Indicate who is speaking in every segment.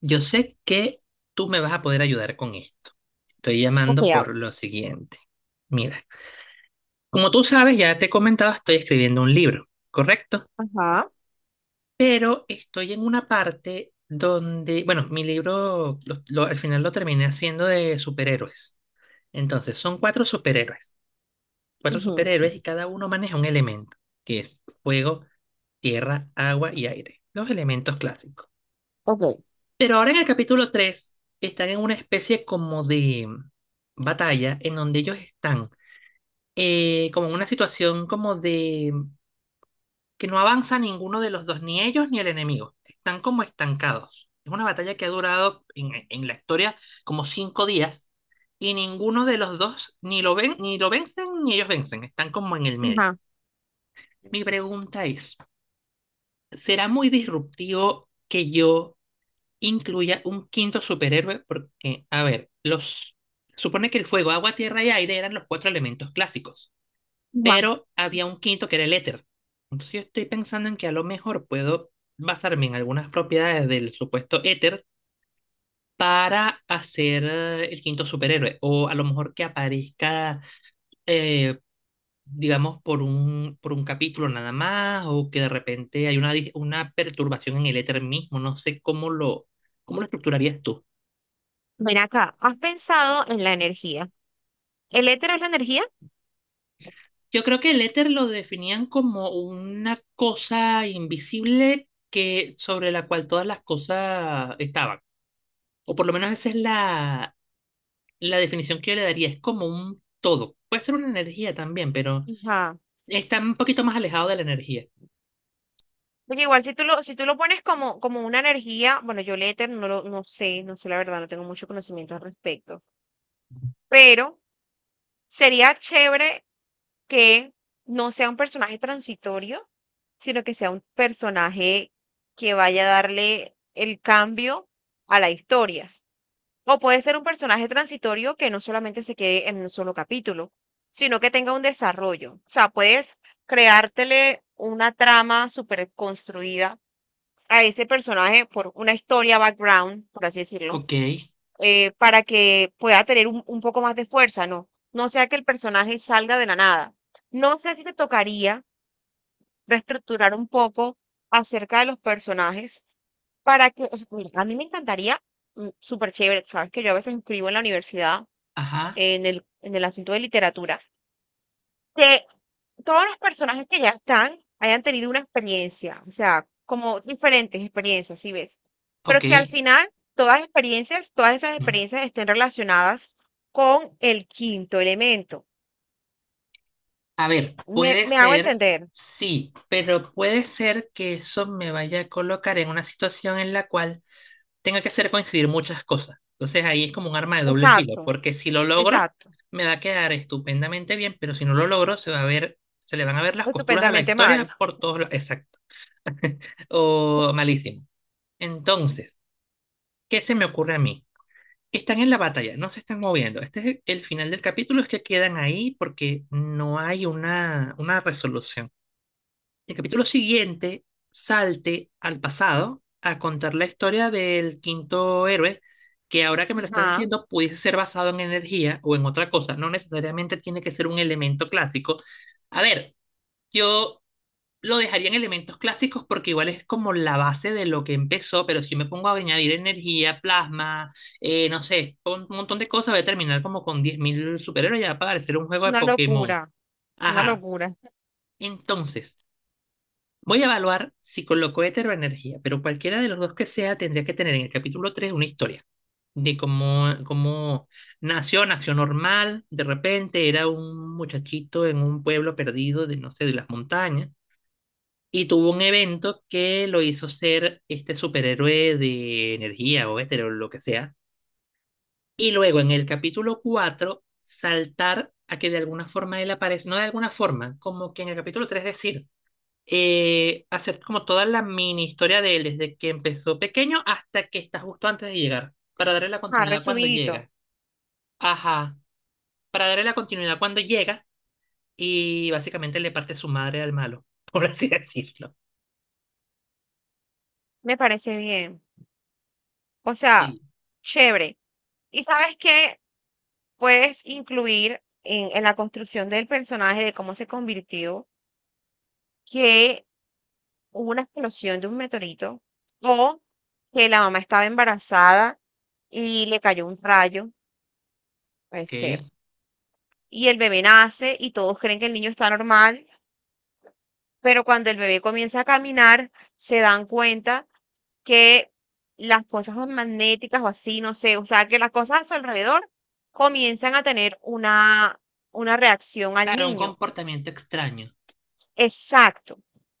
Speaker 1: Yo sé que tú me vas a poder ayudar con esto. Estoy
Speaker 2: Ok,
Speaker 1: llamando por
Speaker 2: hablo.
Speaker 1: lo siguiente. Mira, como tú sabes, ya te he comentado, estoy escribiendo un libro, ¿correcto?
Speaker 2: Ajá.
Speaker 1: Pero estoy en una parte donde, bueno, mi libro al final lo terminé haciendo de superhéroes. Entonces, son cuatro
Speaker 2: Ujú.
Speaker 1: superhéroes y cada uno maneja un elemento, que es fuego, tierra, agua y aire, los elementos clásicos.
Speaker 2: Ok.
Speaker 1: Pero ahora en el capítulo 3 están en una especie como de batalla en donde ellos están como en una situación como de que no avanza ninguno de los dos, ni ellos ni el enemigo. Están como estancados. Es una batalla que ha durado en la historia como 5 días y ninguno de los dos ni lo ven, ni lo vencen ni ellos vencen. Están como en el medio.
Speaker 2: Ajá.
Speaker 1: Mi pregunta es, ¿será muy disruptivo que yo incluya un quinto superhéroe? Porque, a ver, los supone que el fuego, agua, tierra y aire eran los cuatro elementos clásicos,
Speaker 2: Ajá.
Speaker 1: pero había un quinto que era el éter. Entonces yo estoy pensando en que a lo mejor puedo basarme en algunas propiedades del supuesto éter para hacer el quinto superhéroe, o a lo mejor que aparezca, eh, digamos, por un capítulo nada más, o que de repente hay una, una perturbación en el éter mismo, no sé cómo lo estructurarías tú.
Speaker 2: Ven acá. ¿Has pensado en la energía? ¿El éter es la energía?
Speaker 1: Yo creo que el éter lo definían como una cosa invisible que, sobre la cual todas las cosas estaban. O por lo menos esa es la definición que yo le daría. Es como un todo. Puede ser una energía también, pero
Speaker 2: Ajá.
Speaker 1: está un poquito más alejado de la energía.
Speaker 2: Porque igual si tú lo, pones como, como una energía, bueno, yo el éter no sé la verdad, no tengo mucho conocimiento al respecto. Pero sería chévere que no sea un personaje transitorio, sino que sea un personaje que vaya a darle el cambio a la historia. O puede ser un personaje transitorio que no solamente se quede en un solo capítulo, sino que tenga un desarrollo. O sea, puedes creártele una trama súper construida a ese personaje por una historia background, por así decirlo,
Speaker 1: Ok,
Speaker 2: para que pueda tener un poco más de fuerza, ¿no? No sea que el personaje salga de la nada. No sé si te tocaría reestructurar un poco acerca de los personajes para que, o sea, mira, a mí me encantaría, súper chévere, sabes que yo a veces escribo en la universidad
Speaker 1: ajá,
Speaker 2: en el asunto de literatura, que todos los personajes que ya están hayan tenido una experiencia, o sea, como diferentes experiencias, si ves, pero
Speaker 1: ok.
Speaker 2: que al final todas experiencias, todas esas
Speaker 1: Mm.
Speaker 2: experiencias estén relacionadas con el quinto elemento.
Speaker 1: A ver,
Speaker 2: Me,
Speaker 1: puede
Speaker 2: me hago
Speaker 1: ser,
Speaker 2: entender.
Speaker 1: sí, pero puede ser que eso me vaya a colocar en una situación en la cual tenga que hacer coincidir muchas cosas. Entonces ahí es como un arma de doble filo,
Speaker 2: Exacto,
Speaker 1: porque si lo logro,
Speaker 2: exacto.
Speaker 1: me va a quedar estupendamente bien, pero si no lo logro, se va a ver, se le van a ver las costuras a la
Speaker 2: Estupendamente mal.
Speaker 1: historia por todos lados. Exacto. O malísimo. Entonces, ¿qué se me ocurre a mí? Están en la batalla, no se están moviendo. Este es el final del capítulo, es que quedan ahí porque no hay una resolución. El capítulo siguiente salte al pasado a contar la historia del quinto héroe, que ahora que me lo estás
Speaker 2: Ajá,
Speaker 1: diciendo pudiese ser basado en energía o en otra cosa, no necesariamente tiene que ser un elemento clásico. A ver, yo lo dejaría en elementos clásicos porque igual es como la base de lo que empezó, pero si yo me pongo a añadir energía, plasma, no sé, un montón de cosas, voy a terminar como con 10.000 superhéroes, ya va a parecer un juego de
Speaker 2: una
Speaker 1: Pokémon.
Speaker 2: locura, una
Speaker 1: Ajá.
Speaker 2: locura.
Speaker 1: Entonces, voy a evaluar si coloco éter energía, pero cualquiera de los dos que sea tendría que tener en el capítulo 3 una historia de cómo nació, nació normal, de repente era un muchachito en un pueblo perdido de, no sé, de las montañas, y tuvo un evento que lo hizo ser este superhéroe de energía o éter lo que sea, y luego en el capítulo 4 saltar a que de alguna forma él aparece, no de alguna forma, como que en el capítulo 3 decir, hacer como toda la mini historia de él, desde que empezó pequeño hasta que está justo antes de llegar, para darle la
Speaker 2: Ajá,
Speaker 1: continuidad cuando
Speaker 2: resumidito.
Speaker 1: llega. Ajá, para darle la continuidad cuando llega y básicamente le parte su madre al malo, por así decirlo.
Speaker 2: Me parece bien. O sea,
Speaker 1: Sí.
Speaker 2: chévere. Y sabes que puedes incluir en la construcción del personaje, de cómo se convirtió, que hubo una explosión de un meteorito o que la mamá estaba embarazada y le cayó un rayo, puede
Speaker 1: Ok.
Speaker 2: ser. Y el bebé nace y todos creen que el niño está normal. Pero cuando el bebé comienza a caminar, se dan cuenta que las cosas magnéticas o así, no sé, o sea, que las cosas a su alrededor comienzan a tener una reacción al
Speaker 1: Claro, un
Speaker 2: niño.
Speaker 1: comportamiento extraño.
Speaker 2: Exacto,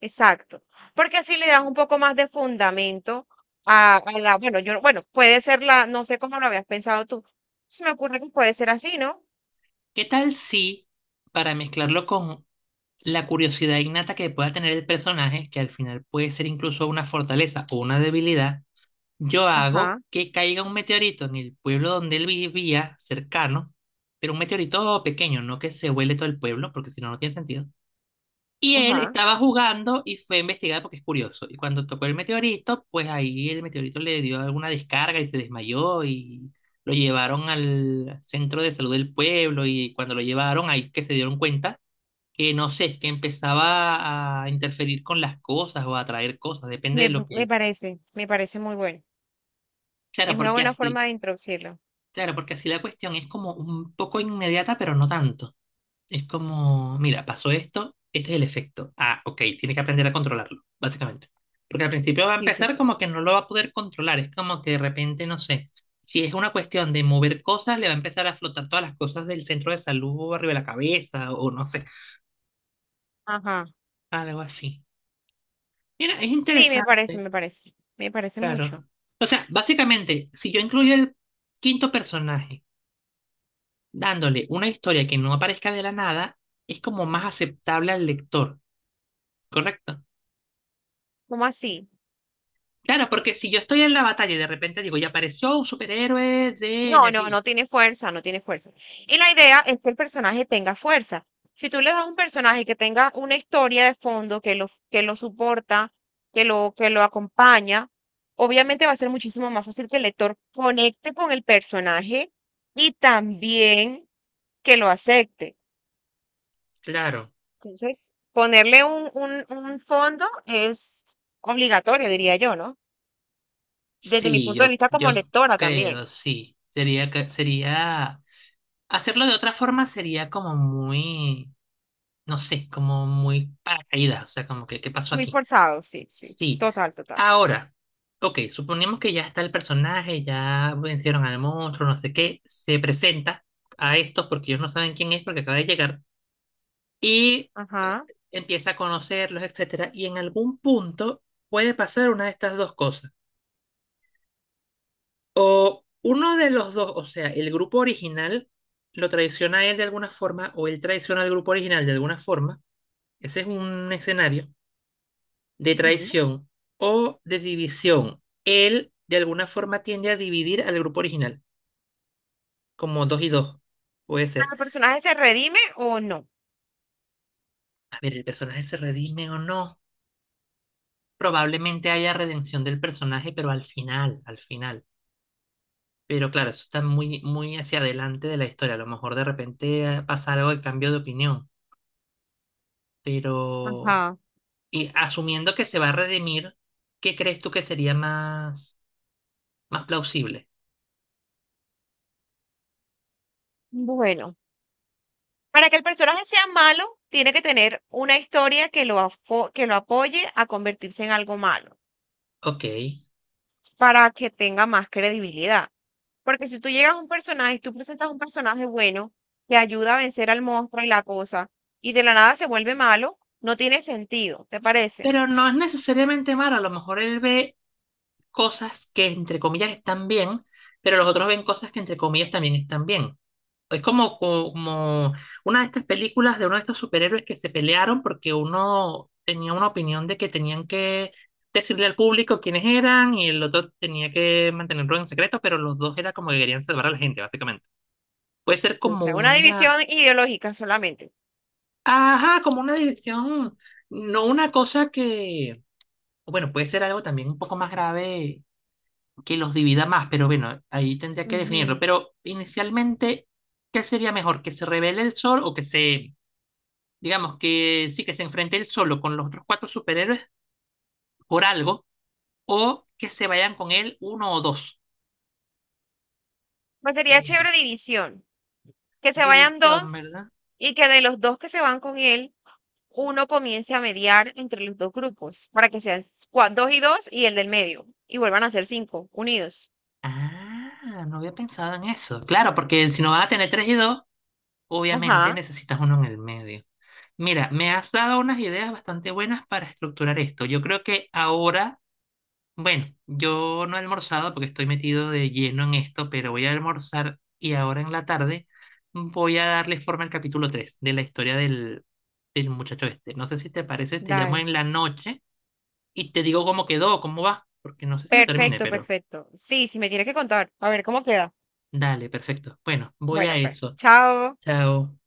Speaker 2: exacto. Porque así le dan un poco más de fundamento a la, bueno, yo, bueno, puede ser la, no sé cómo lo habías pensado tú. Se me ocurre que puede ser así, ¿no?
Speaker 1: ¿Qué tal si, para mezclarlo con la curiosidad innata que pueda tener el personaje, que al final puede ser incluso una fortaleza o una debilidad, yo hago
Speaker 2: Ajá,
Speaker 1: que caiga un meteorito en el pueblo donde él vivía, cercano, pero un meteorito pequeño, no que se vuele todo el pueblo, porque si no, no tiene sentido? Y él
Speaker 2: ajá.
Speaker 1: estaba jugando y fue a investigar porque es curioso. Y cuando tocó el meteorito, pues ahí el meteorito le dio alguna descarga y se desmayó y lo llevaron al centro de salud del pueblo y cuando lo llevaron ahí que se dieron cuenta que no sé, que empezaba a interferir con las cosas o a traer cosas, depende
Speaker 2: Me,
Speaker 1: de lo
Speaker 2: me
Speaker 1: que...
Speaker 2: parece, me parece muy bueno.
Speaker 1: Claro,
Speaker 2: Es una
Speaker 1: porque
Speaker 2: buena
Speaker 1: así
Speaker 2: forma de introducirlo.
Speaker 1: claro, porque así la cuestión es como un poco inmediata, pero no tanto. Es como, mira, pasó esto, este es el efecto. Ah, ok, tiene que aprender a controlarlo, básicamente. Porque al principio va a
Speaker 2: Sí, sí,
Speaker 1: empezar
Speaker 2: sí.
Speaker 1: como que no lo va a poder controlar. Es como que de repente, no sé, si es una cuestión de mover cosas, le va a empezar a flotar todas las cosas del centro de salud arriba de la cabeza o no sé,
Speaker 2: Ajá.
Speaker 1: algo así. Mira, es
Speaker 2: Sí, me parece,
Speaker 1: interesante,
Speaker 2: me parece. Me parece
Speaker 1: claro.
Speaker 2: mucho.
Speaker 1: O sea, básicamente, si yo incluyo el quinto personaje, dándole una historia que no aparezca de la nada, es como más aceptable al lector, ¿correcto?
Speaker 2: ¿Cómo así?
Speaker 1: Claro, porque si yo estoy en la batalla y de repente digo, ya apareció un superhéroe de
Speaker 2: No, no
Speaker 1: energía.
Speaker 2: no tiene fuerza. Y la idea es que el personaje tenga fuerza. Si tú le das a un personaje que tenga una historia de fondo, que lo soporta, que lo acompaña, obviamente va a ser muchísimo más fácil que el lector conecte con el personaje y también que lo acepte.
Speaker 1: Claro,
Speaker 2: Entonces, ponerle un fondo es obligatorio, diría yo, ¿no? Desde mi
Speaker 1: sí,
Speaker 2: punto de vista como
Speaker 1: yo
Speaker 2: lectora también.
Speaker 1: creo, sí. Sería, sería, hacerlo de otra forma sería como muy, no sé, como muy paracaídas, o sea, como que, ¿qué pasó
Speaker 2: Muy
Speaker 1: aquí?
Speaker 2: forzado, sí, sí.
Speaker 1: Sí.
Speaker 2: Total, total.
Speaker 1: Ahora, ok, suponemos que ya está el personaje, ya vencieron al monstruo, no sé qué, se presenta a estos porque ellos no saben quién es porque acaba de llegar y
Speaker 2: Ajá.
Speaker 1: empieza a conocerlos, etcétera, y en algún punto puede pasar una de estas dos cosas. O uno de los dos, o sea, el grupo original lo traiciona a él de alguna forma o él traiciona al grupo original de alguna forma. Ese es un escenario de
Speaker 2: Ujú.
Speaker 1: traición o de división. Él de alguna forma tiende a dividir al grupo original, como dos y dos. Puede ser.
Speaker 2: ¿El personaje se redime o no?
Speaker 1: A ver, ¿el personaje se redime o no? Probablemente haya redención del personaje, pero al final, al final. Pero claro, eso está muy, muy hacia adelante de la historia. A lo mejor de repente pasa algo de cambio de opinión. Pero.
Speaker 2: Ajá.
Speaker 1: Y asumiendo que se va a redimir, ¿qué crees tú que sería más, más plausible?
Speaker 2: Bueno, para que el personaje sea malo, tiene que tener una historia que lo, que lo apoye a convertirse en algo malo,
Speaker 1: Ok.
Speaker 2: para que tenga más credibilidad. Porque si tú llegas a un personaje y tú presentas un personaje bueno que ayuda a vencer al monstruo y la cosa, y de la nada se vuelve malo, no tiene sentido, ¿te parece?
Speaker 1: Pero no es necesariamente malo. A lo mejor él ve cosas que entre comillas están bien, pero los otros ven cosas que entre comillas también están bien. Es como, como una de estas películas de uno de estos superhéroes que se pelearon porque uno tenía una opinión de que tenían que decirle al público quiénes eran y el otro tenía que mantenerlo en secreto, pero los dos era como que querían salvar a la gente, básicamente. Puede ser
Speaker 2: O
Speaker 1: como
Speaker 2: sea, una
Speaker 1: una,
Speaker 2: división ideológica solamente.
Speaker 1: ajá, como una división, no una cosa que, bueno, puede ser algo también un poco más grave que los divida más, pero bueno, ahí tendría que definirlo.
Speaker 2: Ujú.
Speaker 1: Pero inicialmente, ¿qué sería mejor? ¿Que se revele el sol o que se, digamos, que sí, que se enfrente él solo con los otros cuatro superhéroes por algo o que se vayan con él uno o dos?
Speaker 2: Pues sería
Speaker 1: Eh,
Speaker 2: chévere división. Que se vayan
Speaker 1: División,
Speaker 2: dos
Speaker 1: ¿verdad?
Speaker 2: y que de los dos que se van con él, uno comience a mediar entre los dos grupos para que sean dos y dos y el del medio. Y vuelvan a ser cinco, unidos.
Speaker 1: Ah, no había pensado en eso. Claro, porque si no van a tener tres y dos, obviamente
Speaker 2: Ajá,
Speaker 1: necesitas uno en el medio. Mira, me has dado unas ideas bastante buenas para estructurar esto. Yo creo que ahora bueno, yo no he almorzado porque estoy metido de lleno en esto, pero voy a almorzar y ahora en la tarde voy a darle forma al capítulo 3 de la historia del muchacho este. No sé si te parece, te llamo
Speaker 2: dale.
Speaker 1: en la noche y te digo cómo quedó, cómo va, porque no sé si lo termine,
Speaker 2: Perfecto,
Speaker 1: pero
Speaker 2: perfecto. Sí, sí me tiene que contar. A ver cómo queda.
Speaker 1: dale, perfecto. Bueno, voy a
Speaker 2: Bueno, pues.
Speaker 1: eso.
Speaker 2: Chao.
Speaker 1: Chao.